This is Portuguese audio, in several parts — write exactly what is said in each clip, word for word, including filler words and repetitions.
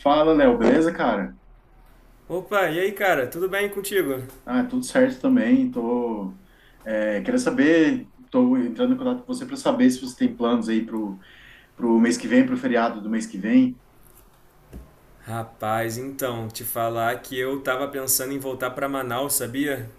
Fala, Léo, beleza, cara? Opa, e aí, cara? Tudo bem contigo? Ah, tudo certo também. Tô, é, queria saber, tô entrando em contato com você para saber se você tem planos aí pro, pro mês que vem, pro feriado do mês que vem. Rapaz, então, te falar que eu tava pensando em voltar pra Manaus, sabia?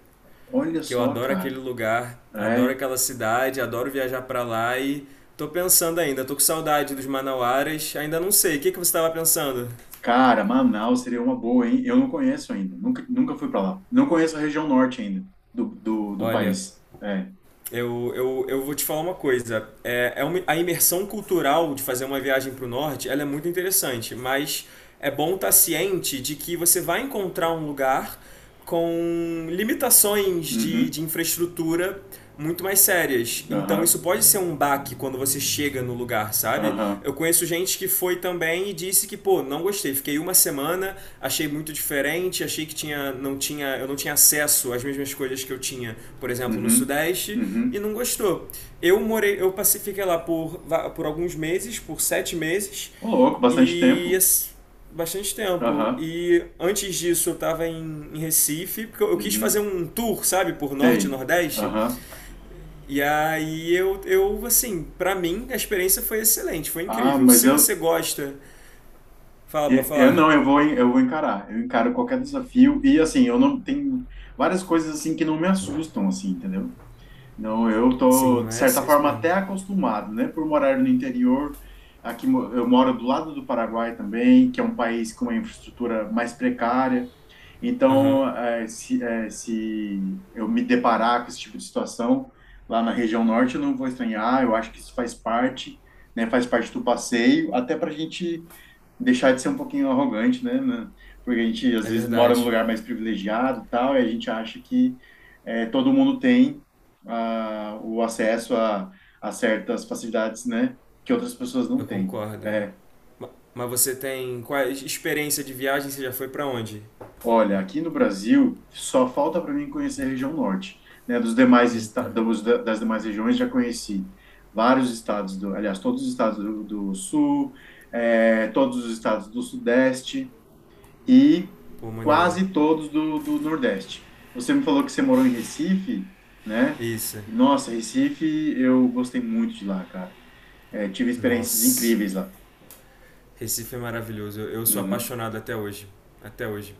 Olha Que eu só, adoro aquele cara. lugar, adoro É, aquela cidade, adoro viajar pra lá e tô pensando ainda, tô com saudade dos manauaras, ainda não sei. O que que você tava pensando? Cara, Manaus seria uma boa, hein? Eu não conheço ainda. Nunca, nunca fui para lá. Não conheço a região norte ainda do, do, do Olha, país. É. Eu, eu, eu vou te falar uma coisa. É, é uma- a imersão cultural de fazer uma viagem para o norte, ela é muito interessante, mas é bom estar ciente de que você vai encontrar um lugar com limitações de, Uhum. de infraestrutura muito mais sérias. Então isso Aham. pode ser um baque quando você chega no lugar, sabe? Aham. Eu conheço gente que foi também e disse que, pô, não gostei. Fiquei uma semana, achei muito diferente, achei que tinha, não tinha, eu não tinha acesso às mesmas coisas que eu tinha, por exemplo, no Uhum. Sudeste, e Uhum. não gostou. Eu morei, eu passei, fiquei lá por, por alguns meses, por sete meses, Ô, louco, bastante e tempo. bastante tempo. Aham. E antes disso eu tava em, em Recife, porque eu, eu quis fazer Uhum. um tour, sabe, por Norte e Sei. Nordeste. Aham. E aí eu, eu assim, pra mim a experiência foi excelente, foi Ah, incrível. mas Se você eu, gosta, fala pra Eu, eu falar. não, eu vou, en- eu vou encarar. Eu encaro qualquer desafio e assim, eu não tenho várias coisas assim que não me assustam assim, entendeu? Não, eu Sim, tô de mas certa é isso forma mesmo. até acostumado, né, por morar no interior. Aqui mo- eu moro do lado do Paraguai também, que é um país com uma infraestrutura mais precária. Aham, Então, eh, se, eh, se eu me deparar com esse tipo de situação lá na região norte, eu não vou estranhar. Eu acho que isso faz parte, né, faz parte do passeio, até para a gente deixar de ser um pouquinho arrogante, né? né? Porque a gente às é vezes mora num verdade. lugar mais privilegiado, e tal, e a gente acha que eh, todo mundo tem ah, o acesso a, a certas facilidades, né? Que outras pessoas não Eu têm. concordo. É, Ma- Mas você tem qual é, experiência de viagem? Você já foi pra onde? olha, aqui no Brasil só falta para mim conhecer a região norte, né? Dos demais esta- Eita, dos, da- Das demais regiões já conheci vários estados do, aliás, todos os estados do, do sul, eh, todos os estados do sudeste. E pô, maneiro. quase todos do, do Nordeste. Você me falou que você morou em Recife, né? Isso. E, nossa, Recife, eu gostei muito de lá, cara. É, tive experiências Nossa. incríveis lá. Recife é maravilhoso. Eu, eu sou Uhum, apaixonado até hoje. Até hoje.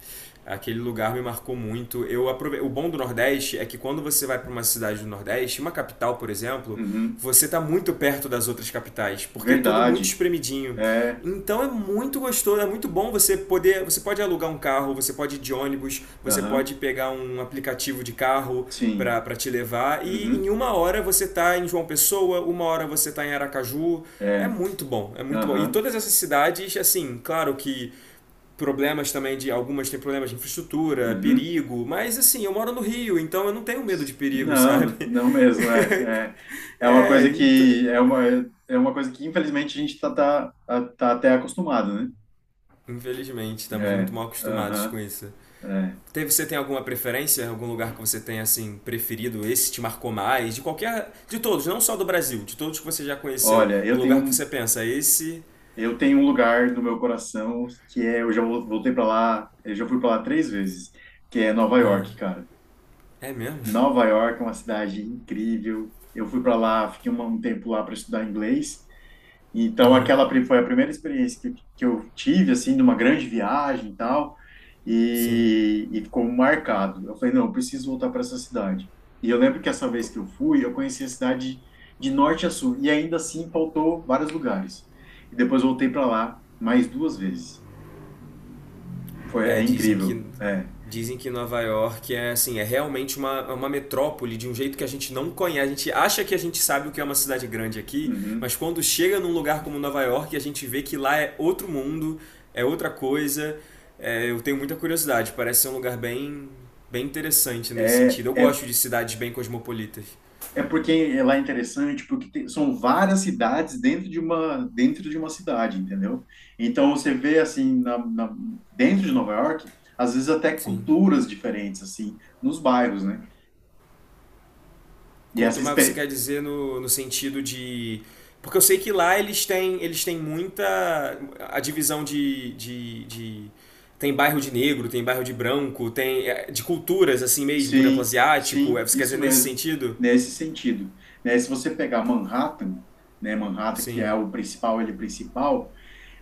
Aquele lugar me marcou muito. Eu aprove... O bom do Nordeste é que quando você vai para uma cidade do Nordeste, uma capital, por exemplo, uhum. você está muito perto das outras capitais, porque é tudo muito Verdade. espremidinho. É, Então é muito gostoso, é muito bom você poder, você pode alugar um carro, você pode ir de ônibus, você aham, pode pegar um aplicativo de carro, sim. para te levar. E em Uhum, uma hora você tá em João Pessoa, uma hora você tá em Aracaju. É é, muito bom, é muito bom. E aham, todas essas cidades, assim, claro que problemas também de algumas têm problemas de infraestrutura, uhum. perigo, mas assim, eu moro no Rio, então eu não tenho medo de perigo, sabe? Não, não mesmo, é, é. É uma é, coisa então, que, é uma, É uma coisa que, infelizmente, a gente tá, tá, tá tá até acostumado, né? infelizmente, estamos É, muito mal acostumados com aham, isso. é. Teve, você tem alguma preferência, algum lugar que você tenha assim preferido, esse te marcou mais, de qualquer, de todos, não só do Brasil, de todos que você já conheceu, Olha, um eu lugar que tenho você pensa, esse, Eu tenho um lugar no meu coração que é, eu já vol- voltei para lá, eu já fui para lá três vezes, que é Nova ah, York, cara. é mesmo? Nova York é uma cidade incrível. Eu fui para lá, fiquei um, um tempo lá para estudar inglês. Então, Aham. aquela pri- foi a primeira experiência que, que eu tive, assim, de uma grande viagem e tal, Sim. e, e ficou marcado. Eu falei, não, eu preciso voltar para essa cidade. E eu lembro que essa vez que eu fui, eu conheci a cidade de norte a sul, e ainda assim faltou vários lugares. E depois voltei para lá mais duas vezes. Foi, é É, dizem incrível. que É. dizem que Nova York é assim, é realmente uma, uma metrópole de um jeito que a gente não conhece. A gente acha que a gente sabe o que é uma cidade grande aqui, mas Uhum. quando chega num lugar como Nova York, a gente vê que lá é outro mundo, é outra coisa. É, eu tenho muita curiosidade, parece ser um lugar bem bem interessante nesse É, sentido. Eu é. gosto de cidades bem cosmopolitas. É porque lá é interessante, porque tem- são várias cidades dentro de uma dentro de uma cidade, entendeu? Então você vê assim na, na- dentro de Nova York, às vezes até Sim. culturas diferentes assim nos bairros, né? E essa Culto, mas você experiência, quer dizer no, no sentido de. Porque eu sei que lá eles têm, eles têm muita. A divisão de, de, de- Tem bairro de negro, tem bairro de branco, tem. É, de culturas, assim mesmo, por exemplo, sim, asiático. É, sim, você quer dizer isso nesse mesmo, sentido? nesse sentido, né? Se você pegar Manhattan, né? Manhattan que Sim. é o principal, ele é principal.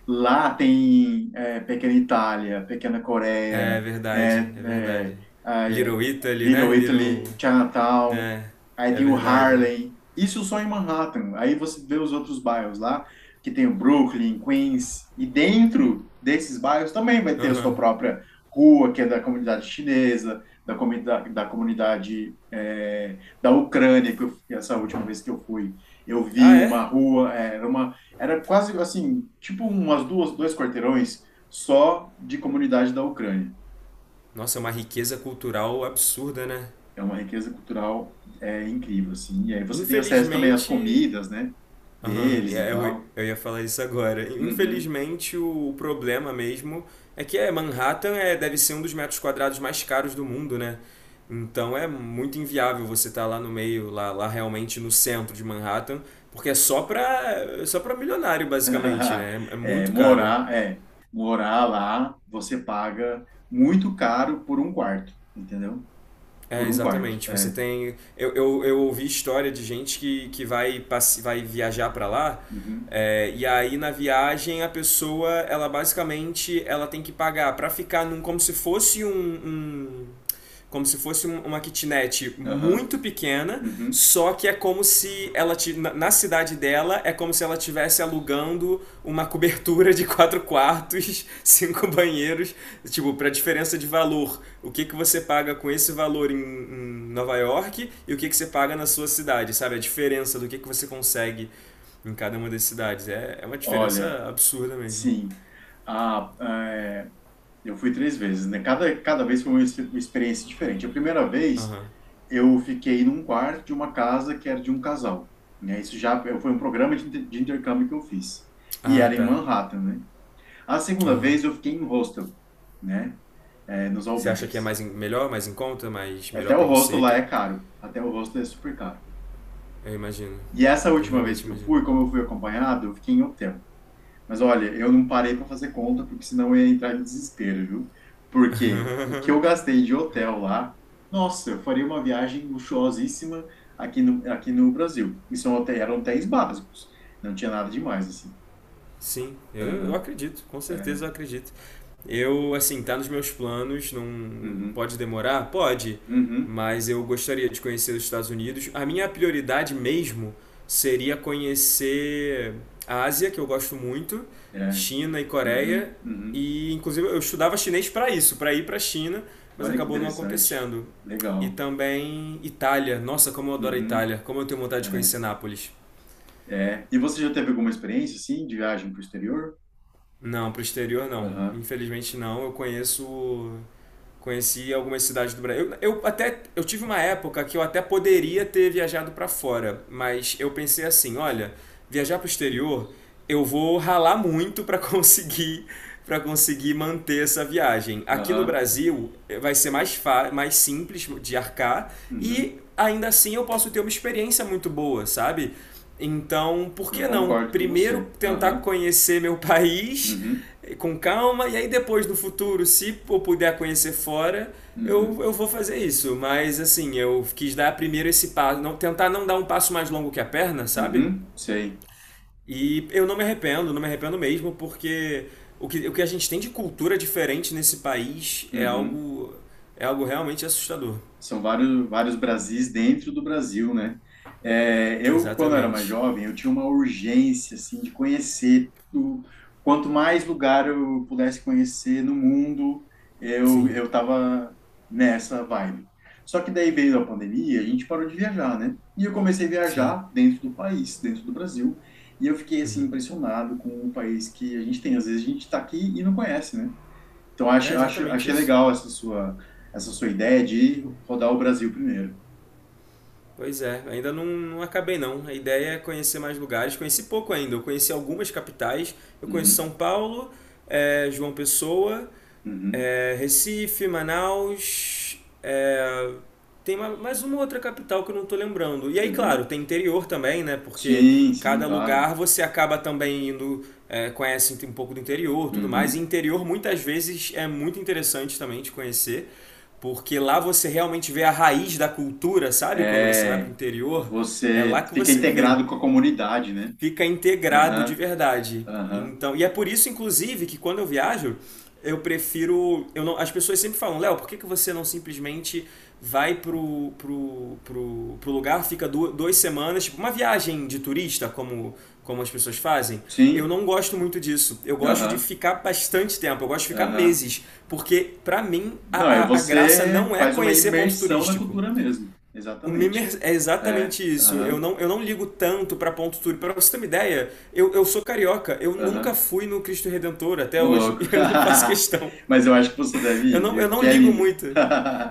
Lá tem é, Pequena Itália, Pequena É Coreia, verdade, né? é verdade. É, ah, é. Little Italy, né? Little Little. Italy, Chinatown, É, aí é tem o verdade. Harlem. Isso só em Manhattan. Aí você vê os outros bairros lá, que tem o Brooklyn, Queens, e dentro desses bairros também vai ter a sua Aham. própria rua, que é da comunidade chinesa, da comunidade, da comunidade é, da Ucrânia, que eu- essa última vez que eu fui, eu vi Ah, é? uma rua, é, era uma era quase assim, tipo umas duas, dois quarteirões só de comunidade da Ucrânia. Nossa, é uma riqueza cultural absurda, né? É uma riqueza cultural é, incrível, assim. E aí você tem acesso também às Infelizmente, comidas, né? aham, e Deles e é, eu, tal. eu ia falar isso agora. Uhum. Infelizmente, o problema mesmo é que é, Manhattan é, deve ser um dos metros quadrados mais caros do mundo, né? Então é muito inviável você estar lá no meio, lá, lá realmente no centro de Manhattan, porque é só pra, é só pra milionário, basicamente, né? É é É, muito caro. morar, é, Morar lá, você paga muito caro por um quarto, entendeu? É, Por um quarto, exatamente. Você é. tem. Eu, eu, eu ouvi história de gente que, que vai, passe... vai viajar para lá. Uhum. É, e aí na viagem a pessoa ela basicamente ela tem que pagar para ficar num como se fosse um, um- como se fosse um- uma kitnet Aham. muito pequena Uhum. só que é como se ela ti- na, na cidade dela é como se ela estivesse alugando uma cobertura de quatro quartos cinco O- banheiros tipo para diferença de valor o que, que você paga com esse valor em, em Nova York e o que, que você paga na sua cidade, sabe? A diferença do que, que você consegue em cada uma das cidades. É, é uma Olha, diferença absurda mesmo. sim. ah é, Eu fui três vezes, né? Cada, cada vez foi uma, ex- uma experiência diferente. A primeira vez, Aham. eu fiquei num quarto de uma casa que era de um casal, né? Isso já foi um programa de, inter- de intercâmbio que eu fiz. E Ah, era em tá. Manhattan, né? A segunda Aham. vez, eu fiquei em hostel, né? É, nos Você acha que é albergues. mais em- melhor, mais em conta, mais Até melhor o pra hostel você? lá Que é caro. Até o hostel é super caro. eu imagino. E essa Eu última vez realmente que eu imagino. fui, como eu fui acompanhado, eu fiquei em hotel. Mas olha, eu não parei para fazer conta, porque senão eu ia entrar em desespero, viu? Porque o que eu gastei de hotel lá, nossa, eu faria uma viagem luxuosíssima aqui no, aqui no Brasil. E são hotéis, eram hotéis básicos, não tinha nada demais, assim. Sim, eu, eu Aham, acredito, com certeza é, eu acredito. Eu, assim, tá nos meus planos, não uhum, pode demorar? Pode, uhum, mas eu gostaria de conhecer os Estados Unidos. A minha prioridade mesmo seria conhecer a Ásia, que eu gosto muito, é, China e Coreia, uhum, uhum. e inclusive eu estudava chinês para isso, para ir para a China, mas Olha que acabou não interessante, acontecendo. E legal. também Itália. Nossa, como eu adoro a Uhum, Itália. Como eu tenho vontade de é, conhecer Nápoles. é. E você já teve alguma experiência, assim, de viagem para o exterior? Não, pro exterior não. Aham, Infelizmente não. Eu conheço. Conheci algumas cidades do Brasil. Eu, eu até eu tive uma época que eu até poderia ter viajado para fora, mas eu pensei assim, olha, viajar para o exterior, eu vou ralar muito para conseguir para conseguir manter essa viagem. Aqui no aham, Brasil eh, vai ser mais, fa- mais simples de arcar uhum. e ainda assim eu posso ter uma experiência muito boa, sabe? Então, por Eu que não concordo com primeiro você. tentar Aham. conhecer meu país Uhum, com calma, e aí depois no futuro, se eu puder conhecer fora, eu, uhum, eu vou fazer isso. Mas assim, eu quis dar primeiro esse passo, não, tentar não dar um passo mais longo que a perna, sabe? uhum, sei. E eu não me arrependo, não me arrependo mesmo, porque o que, o que a gente tem de cultura diferente nesse país é Uhum. algo, é algo realmente assustador. São vários, vários Brasis dentro do Brasil, né? É, eu, quando era mais Exatamente. jovem, eu tinha uma urgência, assim, de conhecer o, quanto mais lugar eu pudesse conhecer no mundo, eu, Sim, eu tava nessa vibe. Só que daí veio a pandemia, a gente parou de viajar, né? E eu comecei a sim. viajar dentro do país, dentro do Brasil, e eu fiquei, assim, impressionado com o país que a gente tem. Às vezes a gente tá aqui e não conhece, né? Então, É acho, acho, exatamente achei isso. legal essa sua, essa sua ideia de rodar o Brasil primeiro. Pois é, ainda não, não acabei não. A ideia é conhecer mais lugares. Conheci pouco ainda. Eu conheci algumas capitais. Eu conheço São Uhum, Paulo, eh, João Pessoa uhum, é, Recife, Manaus, é, tem ma- mais uma outra capital que eu não estou lembrando. E aí, claro, uhum. tem interior também, né? Porque Sim, sim, cada claro. lugar você acaba também indo, é, conhece um pouco do interior, tudo mais. E Uhum. interior muitas vezes é muito interessante também de conhecer, porque lá você realmente vê a raiz da cultura, sabe? Quando você vai para o É, interior, é lá você que fica você vê integrado com a comunidade, né? fica integrado de Aham, verdade. aham. Então, e é por isso, inclusive, que quando eu viajo, eu prefiro. Eu não, as pessoas sempre falam, Léo, por que, que você não simplesmente vai pro, pro, pro, pro lugar, fica du- duas semanas, tipo uma viagem de turista, como, como as pessoas fazem? Eu Sim, não gosto muito disso. Eu gosto de aham, ficar bastante tempo, eu gosto de ficar aham. meses. Porque, pra mim, a, Não, é a, a graça você não é faz uma conhecer ponto imersão na turístico. cultura mesmo. O Exatamente. Mimer é É, exatamente isso. Eu aham, não, eu não ligo tanto para ponto turístico. Para você ter uma ideia, eu, eu sou carioca. Eu nunca aham. fui no Cristo Redentor até Ô, hoje. louco. E eu não faço questão. Mas eu acho que você deve Eu ir, não, eu viu? não Que é ligo lindo. muito.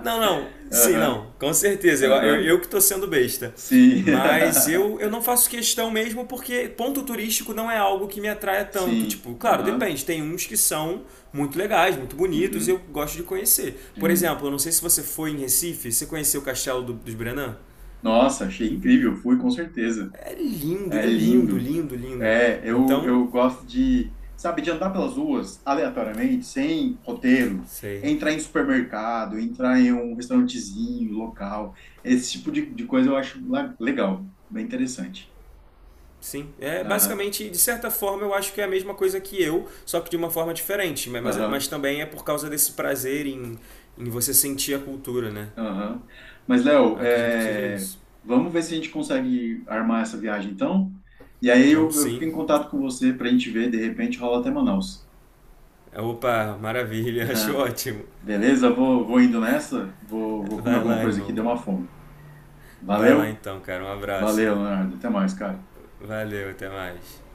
Não, não. Sim, Aham. não. Com certeza. Eu, eu, Aham, eu que tô sendo besta. sim, Mas eu, eu não faço questão mesmo porque ponto turístico não é algo que me atraia tanto. sim, Tipo, claro, aham, depende. Tem uns que são muito legais, muito bonitos e eu uhum, gosto de conhecer. Por é. exemplo, eu não sei se você foi em Recife. Você conheceu o Castelo do- dos Brenan? Nossa, achei incrível, fui com certeza, É lindo, é é lindo, lindo, lindo, lindo. é, eu, Então, eu gosto de, sabe, de andar pelas ruas aleatoriamente, sem roteiro, sei. entrar em supermercado, entrar em um restaurantezinho, local, esse tipo de, de coisa eu acho la- legal, bem interessante, Sim, é aham, basicamente, de certa forma, eu acho que é a mesma coisa que eu, só que de uma forma diferente. Mas, mas aham. também é por causa desse prazer em, em você sentir a cultura, né? Aham. Mas, Léo, Acredito que seja é, isso. vamos ver se a gente consegue armar essa viagem, então. E aí Vamos eu, eu sim. fico em contato com você para a gente ver, de repente rola até Manaus. Opa, maravilha, acho Ah, ótimo. beleza? Vou, vou indo nessa, vou, vou comer Vai alguma lá, coisa aqui, irmão. deu uma fome. Vai lá Valeu? então, cara. Um abraço. Valeu, Leonardo. Até mais, cara. Valeu, até mais.